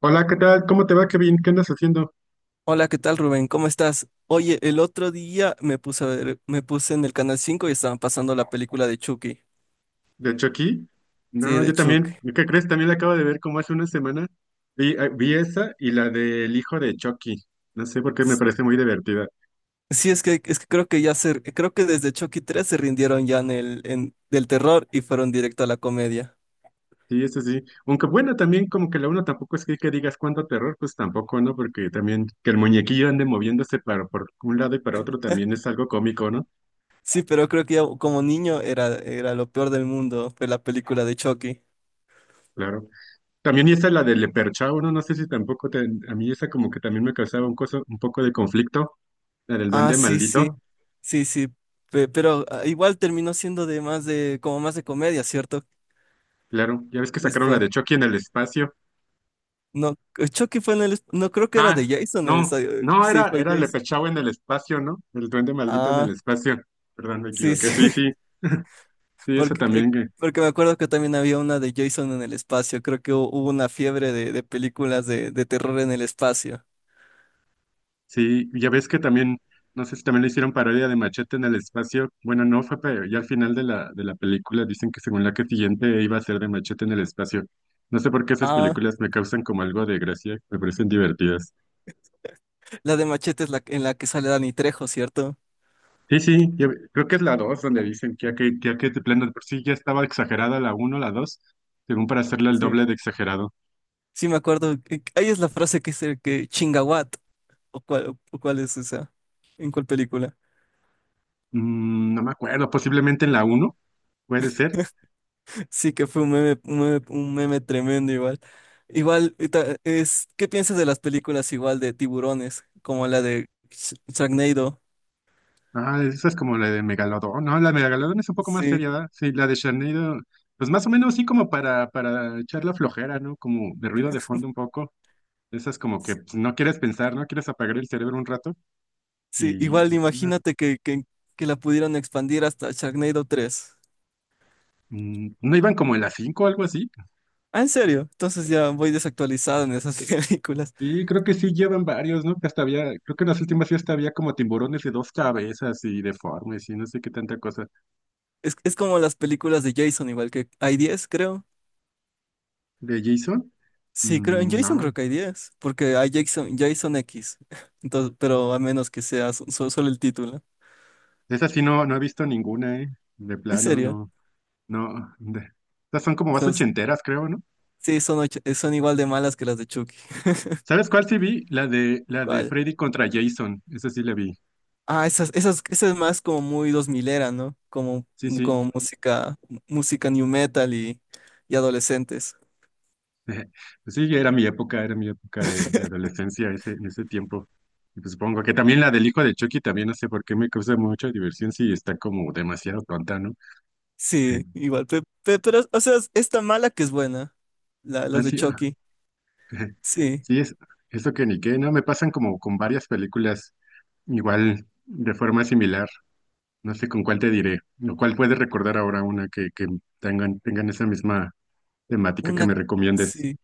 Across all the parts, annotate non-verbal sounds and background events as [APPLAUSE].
Hola, ¿qué tal? ¿Cómo te va? ¿Qué bien? ¿Qué andas haciendo? Hola, ¿qué tal, Rubén? ¿Cómo estás? Oye, el otro día me puse en el Canal 5 y estaban pasando la película de Chucky. De hecho, aquí. Sí, No, de yo Chucky. también. ¿Qué crees? También la acabo de ver como hace una semana. Vi, vi esa y la del hijo de Chucky. No sé por qué me S- parece muy divertida. Sí, es que creo que creo que desde Chucky 3 se rindieron ya del terror y fueron directo a la comedia. Sí, eso sí. Aunque bueno, también como que la uno tampoco es que digas cuánto terror, pues tampoco, ¿no? Porque también que el muñequillo ande moviéndose para, por un lado y para otro también es algo cómico, ¿no? Sí, pero creo que ya como niño era lo peor del mundo, fue la película de Chucky. Claro. También y esa la del Leperchao, ¿no? No sé si tampoco te- a mí esa como que también me causaba un, coso, un poco de conflicto, la del Ah, duende sí, sí. maldito. Sí, sí. Pero igual terminó siendo como más de comedia, ¿cierto? Claro, ya ves que sacaron la Después. de Chucky en el espacio. No, Chucky fue en el. No creo que era de Ah, Jason. No, no, Sí, era, fue era Jason. Lepechaue en el espacio, ¿no? El duende maldito en el Ah, espacio. Perdón, me sí, equivoqué. sí. Sí, [LAUGHS] sí, sí, esa Porque, eh, también. Porque me acuerdo que también había una de Jason en el espacio. Creo que hubo una fiebre de películas de terror en el espacio. Sí, ya ves que también, no sé si también le hicieron parodia de Machete en el espacio. Bueno, no fue, pero ya al final de la película dicen que según la que siguiente iba a ser de Machete en el espacio. No sé por qué esas Ah, películas me causan como algo de gracia, me parecen divertidas. la de Machete es la en la que sale Danny Trejo, ¿cierto? Sí, sí, yo creo que es la 2 donde dicen que ya que ya que de plano de por sí ya estaba exagerada la uno, la 2, según para hacerla el Sí. doble de exagerado. Sí, me acuerdo. Ahí es la frase que dice que chinga what. ¿O cuál es esa? ¿En cuál película? Mm, no me acuerdo, posiblemente en la uno puede ser. Sí que fue un meme tremendo igual. Igual, ¿qué piensas de las películas igual de tiburones, como la de Sharknado? Ah, esa es como la de Megalodón. No, la de Megalodón es un poco más Sí, seria, ¿verdad? Sí, la de Sharknado, pues más o menos sí como para echar la flojera, ¿no? Como de ruido de fondo un poco. Esa es como que s- pues, no quieres pensar, no quieres apagar el cerebro un rato. sí, Y igual pues, no, imagínate que la pudieran expandir hasta Sharknado 3. mm, ¿no iban como en la 5, o algo así? Ah, ¿en serio? Entonces ya voy desactualizado en esas [LAUGHS] películas. Y creo que sí llevan varios, ¿no? Que hasta había, creo que en las últimas sí hasta había como tiburones de dos cabezas y deformes y no sé qué tanta cosa. Es como las películas de Jason, igual que hay 10 creo. ¿De Jason? Sí, creo, en Mm, Jason no, creo que hay 10 porque hay Jason, Jason X. [LAUGHS] Entonces, pero a menos que sea solo el título. esa sí no, no he visto ninguna, ¿eh? De ¿En plano, serio? no, no. Estas son como más ochenteras, creo, ¿no? Sí, son igual de malas que las de Chucky. ¿Sabes cuál sí vi? La de ¿Cuál? Freddy contra Jason, esa sí la vi. Ah, esa es más como muy dos milera, ¿no? Como, Sí, sí, como música new metal y adolescentes. [LAUGHS] pues sí, era mi época de adolescencia ese, en ese tiempo. Y pues supongo que también la del hijo de Chucky también no sé por qué me causa mucha diversión si está como demasiado tonta, ¿no? Sí, [LAUGHS] igual. Pero, o sea, es tan mala que es buena. Las de Así, ah, Chucky. [LAUGHS] Sí. sí, es eso que ni qué, no, me pasan como con varias películas igual de forma similar. No sé con cuál te diré, o cuál puedes recordar ahora una que tengan esa misma temática que Una, me recomiendes. sí.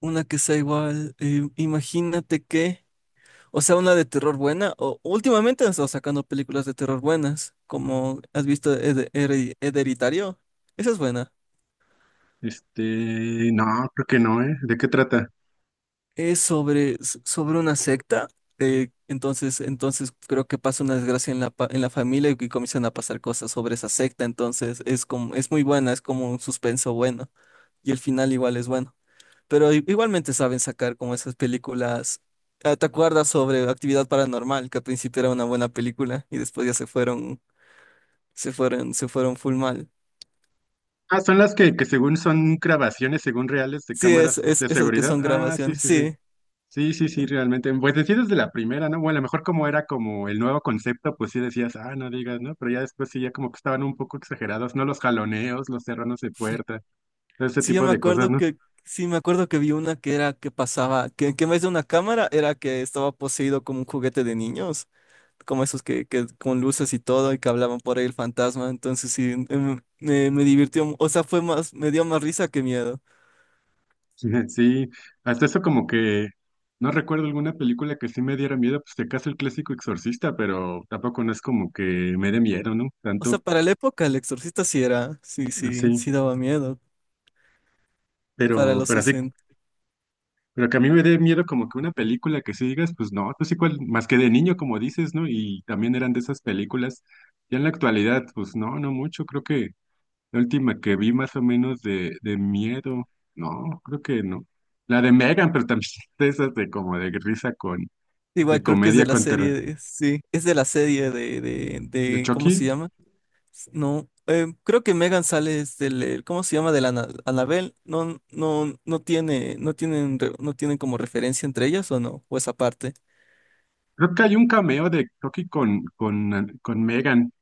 Una que sea igual. Imagínate que. O sea, una de terror buena. O últimamente han estado sacando películas de terror buenas. Como has visto Hereditario. Esa es buena. Este, no, creo que no, ¿eh? ¿De qué trata? Es sobre una secta. Entonces creo que pasa una desgracia en la familia y comienzan a pasar cosas sobre esa secta. Entonces es como, es muy buena, es como un suspenso bueno. Y el final igual es bueno. Pero igualmente saben sacar como esas películas. Ah, ¿te acuerdas sobre Actividad Paranormal? Que al principio era una buena película y después ya se fueron full mal. Ah, son las que según son grabaciones, según reales de Sí, es, cámaras es de esas que seguridad. son Ah, sí, grabaciones. sí, sí. Sí. Sí, sí, sí, realmente. Pues decías desde la primera, ¿no? Bueno, a lo mejor como era como el nuevo concepto, pues sí decías, ah, no digas, ¿no? Pero ya después sí, ya como que estaban un poco exagerados, ¿no? Los jaloneos, los cerranos de puerta, todo ese Sí, yo tipo me de cosas, acuerdo ¿no? que, sí, me acuerdo que vi una que era que pasaba, que en vez de una cámara era que estaba poseído como un juguete de niños, como esos que con luces y todo, y que hablaban por ahí el fantasma. Entonces sí, me divirtió, o sea, fue más, me dio más risa que miedo. [LAUGHS] Sí, hasta eso como que no recuerdo alguna película que sí me diera miedo, pues de caso el clásico Exorcista, pero tampoco no es como que me dé miedo, ¿no? O sea, Tanto, para la época el Exorcista sí era, sí, sí, sí. sí daba miedo para los Pero así 60. pero que a mí me dé miedo como que una película que sí digas, pues no, pues igual, más que de niño, como dices, ¿no? Y también eran de esas películas. Ya en la actualidad, pues no, no mucho. Creo que la última que vi más o menos de miedo, no, creo que no. La de Megan, pero también [LAUGHS] de esas de como de risa con, de Igual creo que es de comedia la con serie, terror, sí, es de la serie de, de, de de, ¿cómo Chucky. se llama? No, creo que Megan sale es del, ¿cómo se llama? De la Anabel. No, no, no tiene, no tienen como referencia entre ellas o no, o esa parte. Creo que hay un cameo de Chucky con Megan,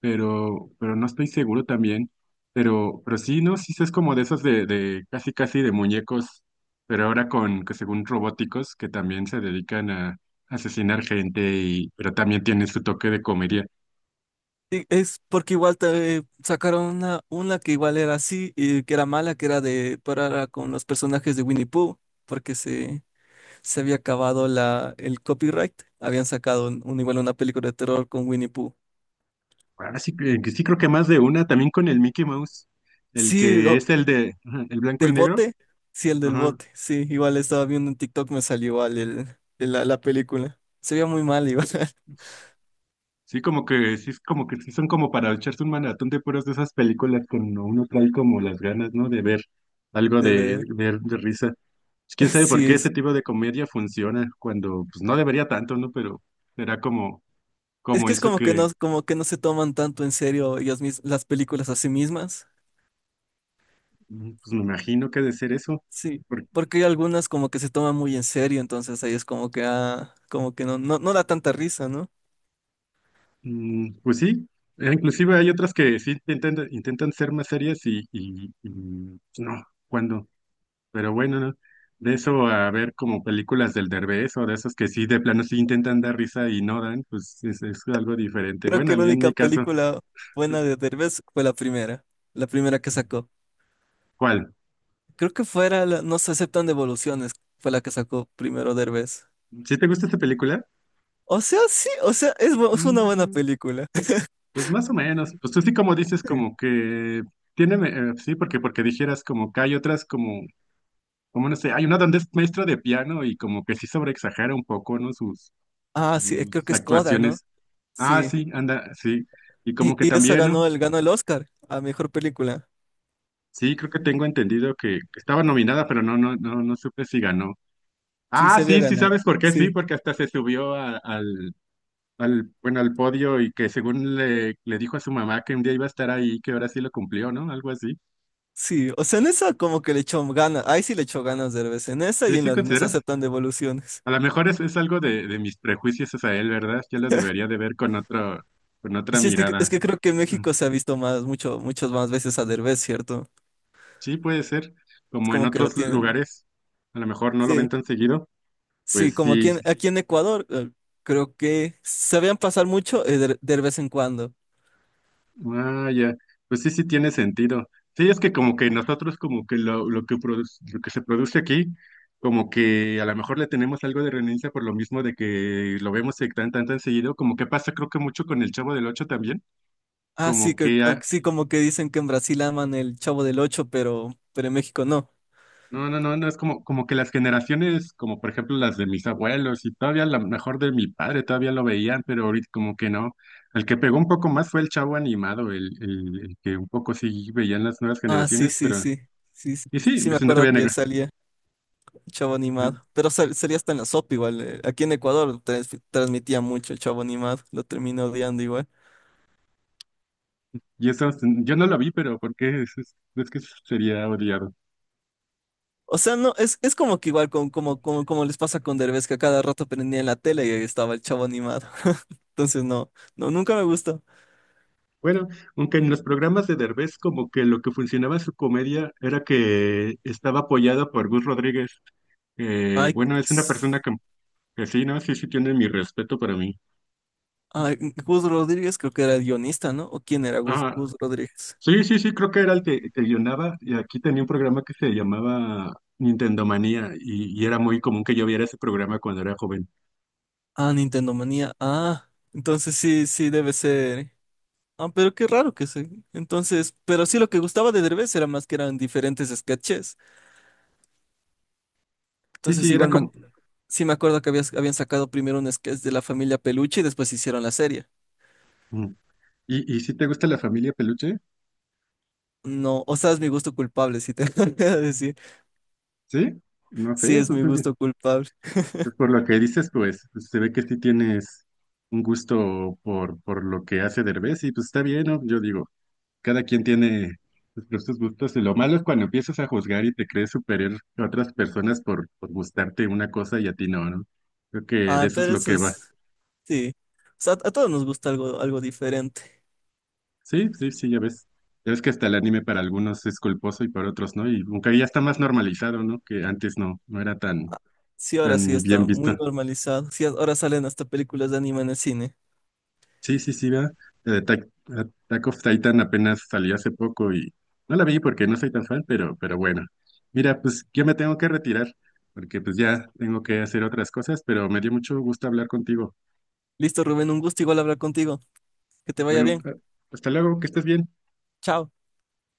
pero no estoy seguro también. Pero sí, ¿no? Sí, es como de esos de casi casi de muñecos, pero ahora con, que según robóticos, que también se dedican a asesinar gente, y, pero también tienen su toque de comedia. Sí, es porque igual sacaron una, que igual era así, y que era mala, que era de, pero con los personajes de Winnie Pooh, porque se había acabado el copyright. Habían sacado igual una película de terror con Winnie Pooh. Ahora sí, que sí creo que más de una, también con el Mickey Mouse, el, Sí, que es el de ajá, el blanco y ¿del negro. bote? Sí, el del Ajá. bote. Sí, igual estaba viendo en TikTok, me salió igual el, la película. Se veía muy mal igual. [LAUGHS] Sí, como que sí, es como que sí son como para echarse un maratón de puras de esas películas que uno trae como las ganas, ¿no? De ver algo de, Debe, de, de risa. Pues [LAUGHS] ¿quién sabe por sí qué ese es. tipo de comedia funciona cuando, pues no debería tanto, ¿no? Pero será como, Es como que es eso que, como que no se toman tanto en serio las películas a sí mismas. mm, pues me imagino que ha de ser eso. Sí. Por- Porque hay algunas como que se toman muy en serio, entonces ahí es como que como que no da tanta risa, ¿no? mm, pues sí, inclusive hay otras que sí intentan ser más serias y, pues, no, cuando pero bueno, ¿no? De eso a ver como películas del Derbez o de esos que sí, de plano sí intentan dar risa y no dan, pues es algo diferente. Creo Bueno, a que la mí en única mi caso, película buena de Derbez fue la primera que sacó. ¿cuál? Creo que fuera No se aceptan devoluciones, fue la que sacó primero Derbez. ¿Sí te gusta esta película? O sea, sí, o sea, es una buena Mm, película. pues más o menos. Pues tú sí como dices como [LAUGHS] que tiene, sí, porque dijeras como que hay otras como, como no sé, hay una donde es maestro de piano y como que sí sobreexagera un poco, ¿no? Sus, Ah, sí, creo sus que es Coda, ¿no? actuaciones. Ah, Sí. sí, anda, sí. Y como Y, que y esa también, ¿no? ganó el Oscar a mejor película. Sí, creo que tengo entendido que estaba nominada, pero no supe si ganó. Sí, Ah, se había sí, sí, ganado. ¿sabes por qué? Sí, Sí, porque hasta se subió al, al, bueno, al podio y que según le, le dijo a su mamá que un día iba a estar ahí, que ahora sí lo cumplió, ¿no? Algo así. sí. O sea, en esa como que le echó ganas. Ahí sí le echó ganas de vez En esa Sí, y en sí, la de Nos ¿consideras? aceptan devoluciones. A lo mejor es algo de mis prejuicios hacia él, ¿verdad? Yo lo debería [LAUGHS] de ver con otro, con otra Sí, es que, es mirada. que creo que en Mm, México se ha visto muchas más veces a Derbez, ¿cierto? sí, puede ser. Es Como en como que lo otros tienen. lugares, a lo mejor no lo ven Sí, tan seguido. sí, Pues como sí, aquí en Ecuador, creo que sabían pasar mucho de vez en cuando. ah, ya. Pues sí, sí tiene sentido. Sí, es que como que nosotros como que lo que produce, lo que se produce aquí, como que a lo mejor le tenemos algo de renuncia por lo mismo de que lo vemos tan tan tan seguido, como que pasa creo que mucho con el Chavo del Ocho también, Ah, sí, como que ah, sí, como que dicen que en Brasil aman el Chavo del Ocho, pero en México no. no es como como que las generaciones, como por ejemplo las de mis abuelos y todavía a lo mejor de mi padre todavía lo veían, pero ahorita como que no. El que pegó un poco más fue el Chavo animado, el que un poco sí veían las nuevas Ah, sí, generaciones, sí, pero sí. Sí, sí, y sí, sí me pues, si no te acuerdo voy a que negar. salía Chavo Animado. Pero salía hasta en la sopa igual. Aquí en Ecuador transmitía mucho el Chavo Animado. Lo terminé odiando igual. Y eso, yo no lo vi, pero ¿por qué? Es, es que sería odiado. O sea, no, es como que igual como les pasa con Derbez, que a cada rato prendía en la tele y ahí estaba el Chavo Animado. [LAUGHS] Entonces no, no, nunca me gustó. Bueno, aunque en los programas de Derbez como que lo que funcionaba en su comedia era que estaba apoyado por Gus Rodríguez. Ay, Bueno, es una persona s- que sí, ¿no? Sí, sí, tiene mi respeto para mí. ay, Gus Rodríguez creo que era el guionista, ¿no? ¿O quién era Gus, Ah, Gus Rodríguez? sí, sí, sí, creo que era el que guionaba y aquí tenía un programa que se llamaba Nintendo Manía y era muy común que yo viera ese programa cuando era joven. Ah, Nintendo Manía. Ah, entonces sí, sí debe ser. Ah, pero qué raro que se. Entonces, pero sí lo que gustaba de Derbez era más que eran diferentes sketches. Sí, Entonces, sí, era igual como... sí me acuerdo que habían sacado primero un sketch de la familia Peluche y después hicieron la serie. Mm. Y si te gusta la familia Peluche? No, o sea, es mi gusto culpable, si te [LAUGHS] voy a decir. ¿Sí? No Sí, sé, es pues, mi gusto culpable. pues por lo que dices, pues, pues se ve que sí tienes un gusto por lo que hace Derbez y pues está bien, ¿no? Yo digo, cada quien tiene sus propios gustos y lo malo es cuando empiezas a juzgar y te crees superior a otras personas por gustarte una cosa y a ti no, ¿no? Creo que de Ah, eso es pero lo eso que va. es. Sí. O sea, a todos nos gusta algo diferente. Sí, sí, sí, ya ves. Ya ves que hasta el anime para algunos es culposo y para otros no, y aunque ya está más normalizado, ¿no? Que antes no, no era tan, Sí, ahora sí tan está bien visto. muy normalizado. Sí, ahora salen hasta películas de anime en el cine. Sí, sí, sí, va. Attack, Attack of Titan apenas salió hace poco y no la vi porque no soy tan fan, pero bueno. Mira, pues yo me tengo que retirar porque pues ya tengo que hacer otras cosas, pero me dio mucho gusto hablar contigo. Listo, Rubén, un gusto igual hablar contigo. Que te vaya Bueno, bien. Hasta luego, que estés bien. Chao.